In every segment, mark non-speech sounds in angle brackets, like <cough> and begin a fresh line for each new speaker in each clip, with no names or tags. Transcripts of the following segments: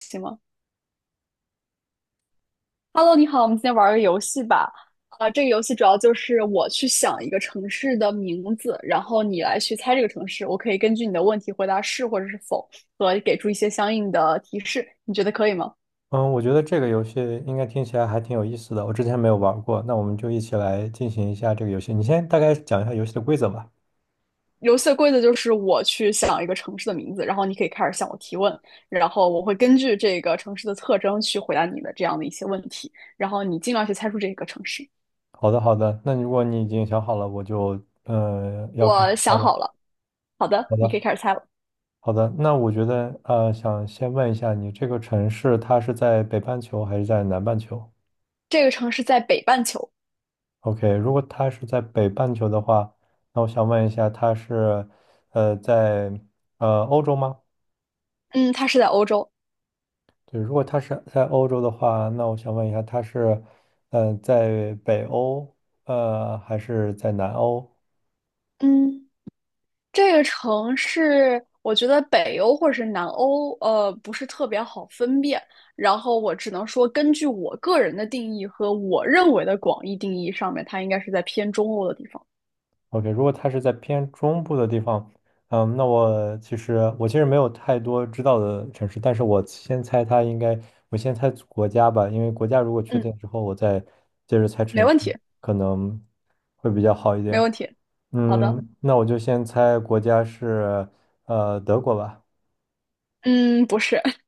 行吗？Hello，你好，我们今天玩个游戏吧。啊、这个游戏主要就是我去想一个城市的名字，然后你来去猜这个城市。我可以根据你的问题回答是或者是否，和给出一些相应的提示。你觉得可以吗？
嗯，我觉得这个游戏应该听起来还挺有意思的，我之前没有玩过，那我们就一起来进行一下这个游戏。你先大概讲一下游戏的规则吧。
游戏的规则就是我去想一个城市的名字，然后你可以开始向我提问，然后我会根据这个城市的特征去回答你的这样的一些问题，然后你尽量去猜出这个城市。
好的，好的。那如果你已经想好了，我就要开
我
始猜
想
了。
好了，好的，
好
你
的，
可以开始猜了。
好的。那我觉得想先问一下你，这个城市它是在北半球还是在南半球
这个城市在北半球，
？OK，如果它是在北半球的话，那我想问一下，它是呃在呃欧洲吗？
嗯，它是在欧洲。
对，如果他是在欧洲的话，那我想问一下，他是，嗯、在北欧，呃，还是在南欧
嗯，这个城市，我觉得北欧或者是南欧，不是特别好分辨。然后我只能说，根据我个人的定义和我认为的广义定义上面，它应该是在偏中欧的地方。
？OK，如果他是在偏中部的地方，嗯，那我其实没有太多知道的城市，但是我先猜他应该，我先猜国家吧，因为国家如果确
嗯，
定之后，我再接着猜
没
城市，
问题，
可能会比较好一
没
点。
问题。好的，
嗯，那我就先猜国家是，呃，德国吧。
嗯，不是，<laughs>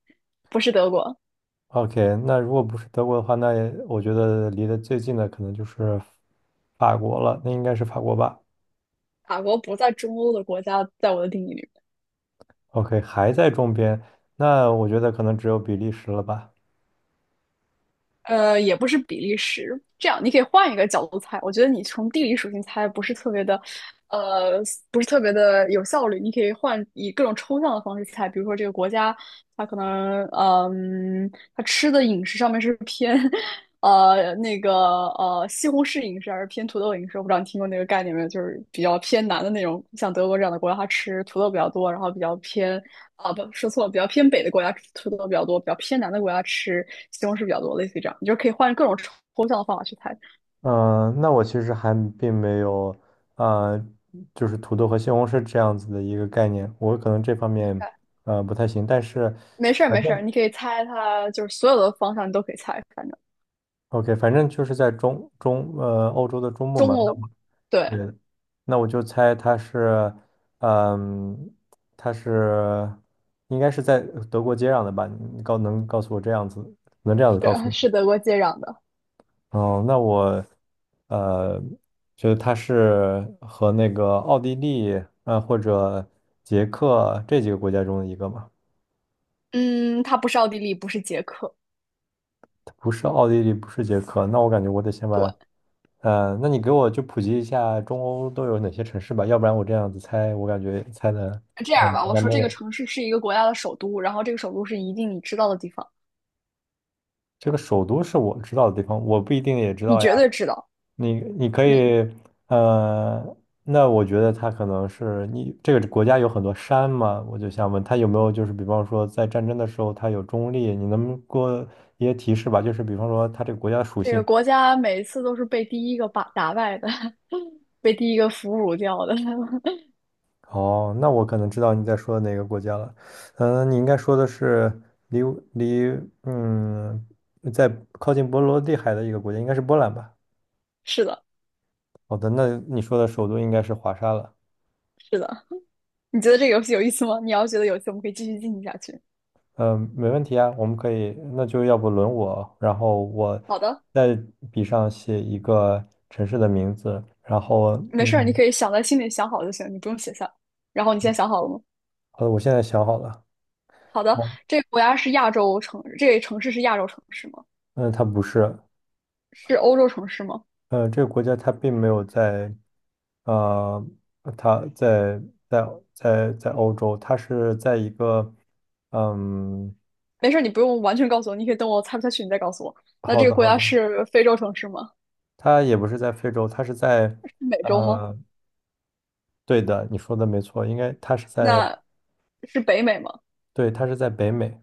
不是德国，
OK，那如果不是德国的话，那也我觉得离得最近的可能就是法国了，那应该是法国吧
法国不在中欧的国家，在我的定义里。
？OK，还在中边，那我觉得可能只有比利时了吧。
也不是比利时。这样，你可以换一个角度猜。我觉得你从地理属性猜呃，不是特别的有效率。你可以换以各种抽象的方式猜，比如说这个国家，它可能，嗯，它吃的饮食上面是偏 <laughs> 那个西红柿饮食还是偏土豆饮食，我不知道你听过那个概念没有，就是比较偏南的那种，像德国这样的国家，它吃土豆比较多，然后比较偏啊，不，说错了，比较偏北的国家吃土豆比较多，比较偏南的国家吃西红柿比较多，类似于这样，你就可以换各种抽象的方法去猜。
嗯，那我其实还并没有，呃，就是土豆和西红柿这样子的一个概念，我可能这方面不太行，但是
没事儿，
反
没事儿，
正
你可以猜它，就是所有的方向你都可以猜，反正
OK，反正就是在中中呃欧洲的中部嘛，
中
那
欧，
我
对，
对，那我就猜它是，嗯，它是应该是在德国接壤的吧？你告诉我这样子，能这样子告
是
诉
是德国接壤的，
我？哦，那我呃，就是它是和那个奥地利或者捷克这几个国家中的一个嘛。
嗯，它不是奥地利，不是捷克，
不是奥地利，不是捷克，那我感觉我得先
对，
把，呃，那你给我就普及一下中欧都有哪些城市吧，要不然我这样子猜，我感觉猜的，
这样
嗯，
吧，我
完
说
美
这个城市是一个国家的首都，然后这个首都是一定你知道的地方，
这个首都是我知道的地方，我不一定也知
你
道呀。
绝对知道。
你可
你
以，呃，那我觉得它可能是你这个国家有很多山嘛，我就想问它有没有就是比方说在战争的时候它有中立，你能不能给我一些提示吧？就是比方说它这个国家的属
这个
性。
国家每次都是被第一个把打败的，<laughs> 被第一个俘虏掉的。<laughs>
哦，那我可能知道你在说哪个国家了。嗯，你应该说的是离离嗯，在靠近波罗的海的一个国家，应该是波兰吧？
是的，
好的，那你说的首都应该是华沙了。
是的。你觉得这个游戏有意思吗？你要觉得有意思，我们可以继续进行下去。
嗯，没问题啊，我们可以，那就要不轮我，然后我
好的，
在笔上写一个城市的名字，然后
没事儿，你
嗯，
可以想在心里想好就行，你不用写下。然后你现在想好了吗？
好的，我现在想好了。
好的，
嗯，
这个国家是亚洲城，这个城市是亚洲城市吗？
嗯它不是，
是欧洲城市吗？
嗯，这个国家它并没有在呃，他在在在欧洲，他是在一个，嗯，
没事儿，你不用完全告诉我，你可以等我猜不下去，你再告诉我。那
好
这个
的
国
好
家
的，
是非洲城市吗？
他也不是在非洲，他是在，
是美洲吗？
呃，对的，你说的没错，应该他是在，
那是北美吗？
对，他是在北美，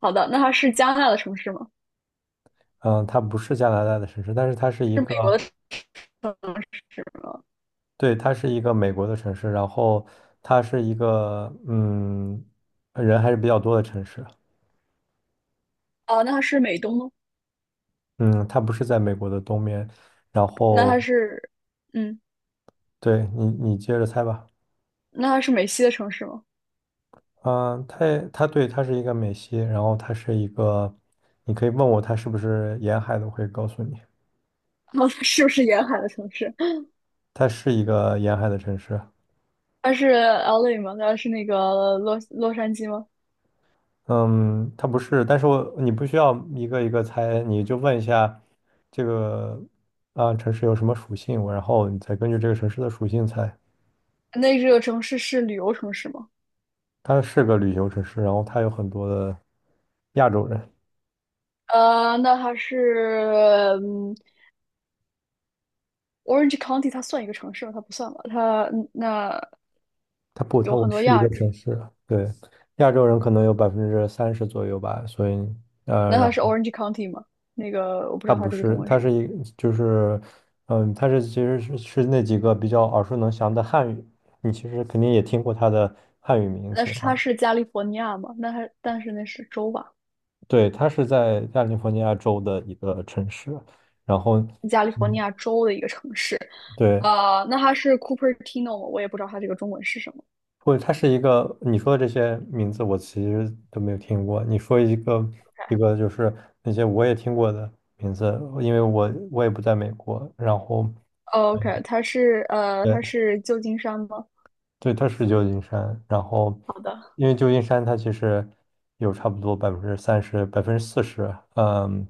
好的，那它是加拿大的城市吗？
嗯，他不是加拿大的城市，但是它是一
是
个，
美国的城市吗？
对，它是一个美国的城市，然后它是一个，嗯，人还是比较多的城市，
啊，那它是美东吗？
嗯，它不是在美国的东面，然
那
后，
它是，嗯，
对你接着猜吧。
那它是美西的城市吗？
嗯，它对，它是一个美西，然后它是一个，你可以问我它是不是沿海的，我会告诉你，
哦，它是不是沿海的城市？
它是一个沿海的城市。
它是 LA 吗？它是那个洛杉矶吗？
嗯，它不是，但是我你不需要一个猜，你就问一下这个、啊、城市有什么属性，我然后你再根据这个城市的属性猜。
那这个城市是旅游城市吗？
它是个旅游城市，然后它有很多的亚洲人。
呃，那它是，嗯，Orange County 它算一个城市吗？它不算吧？它那
它不，它
有
我
很多
是一
亚，
个城市，对，亚洲人可能有百分之三十左右吧，所以
那
然
它
后。
是 Orange County 吗？那个我不知
它
道它
不
这个中
是，
文
它是
是，
一就是，嗯，它其实是那几个比较耳熟能详的汉语，你其实肯定也听过它的汉语名
那
字啊。
是
然
它
后
是加利福尼亚吗？那它但是那是州吧？
对，它是在加利福尼亚州的一个城市，然后，
加利福尼
嗯，
亚州的一个城市，
对，
那它是 Cupertino 吗？我也不知道它这个中文是什么。
或者它是一个你说的这些名字我其实都没有听过。你说一个一个就是那些我也听过的名字，因为我也不在美国，然后。
哦 OK，它是呃，它
对。
是旧金山吗？
对，它是旧金山，然后
好的，
因为旧金山它其实有差不多百分之三十、40%，嗯，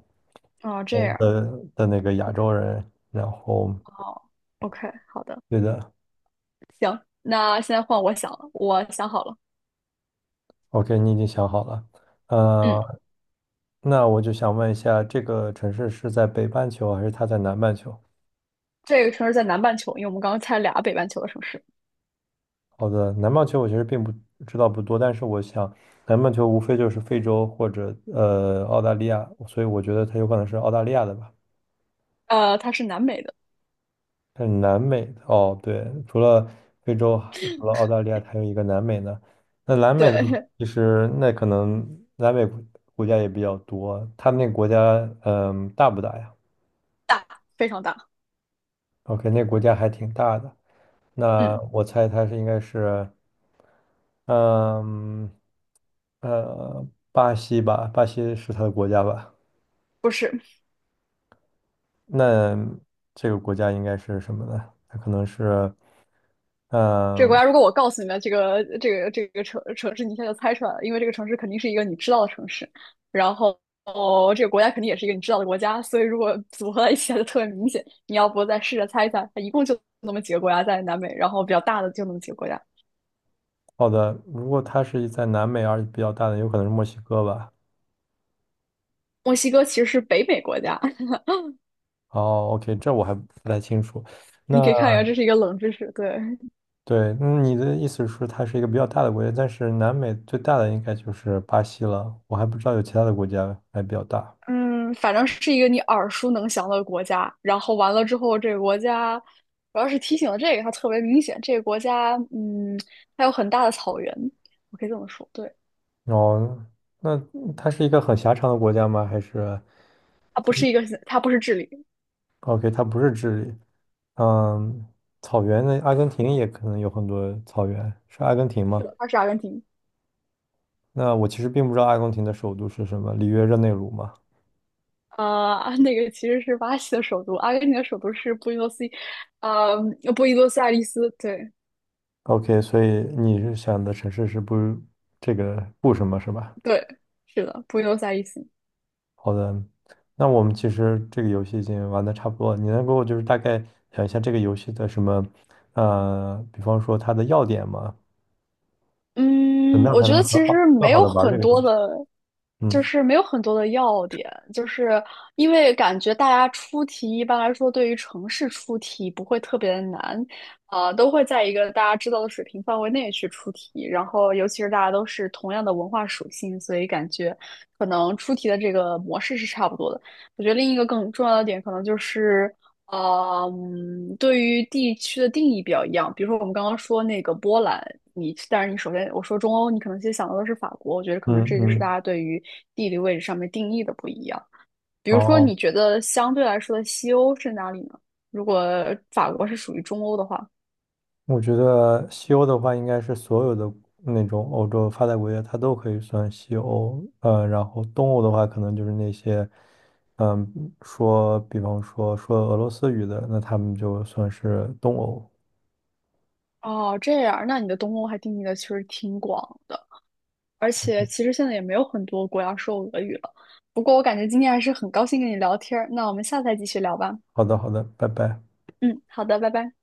哦，这
呃
样，
的的那个亚洲人，然后
哦，OK，好的，
对的
行，那现在换我想了，我想好了，
，OK，你已经想好了，
嗯，
呃，那我就想问一下，这个城市是在北半球还是它在南半球？
这个城市在南半球，因为我们刚刚猜俩北半球的城市。
好的，南半球我其实并不知道不多，但是我想南半球无非就是非洲或者澳大利亚，所以我觉得它有可能是澳大利亚的吧。
它是南美的，
但是南美哦，对，除了非洲，除了澳大利亚，还有一个南美呢。那南美呢，
对，
其实那可能南美家也比较多。他们那个国家，嗯，大不大呀
大，非常大。
？OK，那个国家还挺大的。那
嗯，
我猜它是应该是，嗯，呃，巴西吧，巴西是它的国家吧？
不是
那这个国家应该是什么呢？它可能是，
这个国
嗯、
家。如果我告诉你们这个城市，你一下就猜出来了，因为这个城市肯定是一个你知道的城市，然后哦，这个国家肯定也是一个你知道的国家，所以如果 <laughs> 组合在一起，它就特别明显。你要不再试着猜一猜，它一共就那么几个国家在南美，然后比较大的就那么几个国家。
好的，如果它是在南美而且比较大的，有可能是墨西哥吧。
墨西哥其实是北美国家，
哦，OK，这我还不太清楚。
<laughs> 你可
那
以看一下，这是一个冷知识。对，
对，嗯你的意思是它是一个比较大的国家，但是南美最大的应该就是巴西了。我还不知道有其他的国家还比较大。
嗯，反正是一个你耳熟能详的国家。然后完了之后，这个国家主要是提醒了这个，它特别明显。这个国家，它有很大的草原，我可以这么说。对，
哦，那它是一个很狭长的国家吗？还是
它不
它
是一个，它不是智利，
？OK，它不是智利。嗯，草原的阿根廷也可能有很多草原，是阿根廷
是
吗？
的，它是阿根廷。
那我其实并不知道阿根廷的首都是什么，里约热内卢吗？
<laughs> 那个其实是巴西的首都，阿根廷的首都是呃，布宜诺斯艾利斯。对
OK，所以你是想的城市是不这个不什么是吧？
对，是的，布宜诺斯艾利斯。
好的，那我们其实这个游戏已经玩的差不多了，你能给我就是大概讲一下这个游戏的什么，呃，比方说它的要点吗？怎
嗯，
么样
我
才
觉
能
得
很
其实
好更
没
好
有
的玩这
很
个
多
游戏？
的，就
嗯
是没有很多的要点，就是因为感觉大家出题一般来说对于城市出题不会特别的难，啊、都会在一个大家知道的水平范围内去出题，然后尤其是大家都是同样的文化属性，所以感觉可能出题的这个模式是差不多的。我觉得另一个更重要的点可能就是。对于地区的定义比较一样。比如说，我们刚刚说那个波兰，你但是你首先我说中欧，你可能先想到的是法国。我觉得可能
嗯
这就是大
嗯，
家对于地理位置上面定义的不一样。比如说，
好。
你觉得相对来说的西欧是哪里呢？如果法国是属于中欧的话，
我觉得西欧的话，应该是所有的那种欧洲发达国家，它都可以算西欧。呃，然后东欧的话，可能就是那些，嗯，说，比方说说俄罗斯语的，那他们就算是东欧。
哦，这样，那你的东欧还定义的其实挺广的。而且其实现在也没有很多国家说俄语了。不过我感觉今天还是很高兴跟你聊天儿，那我们下次再继续聊吧。
好的，好的，拜拜。
嗯，好的，拜拜。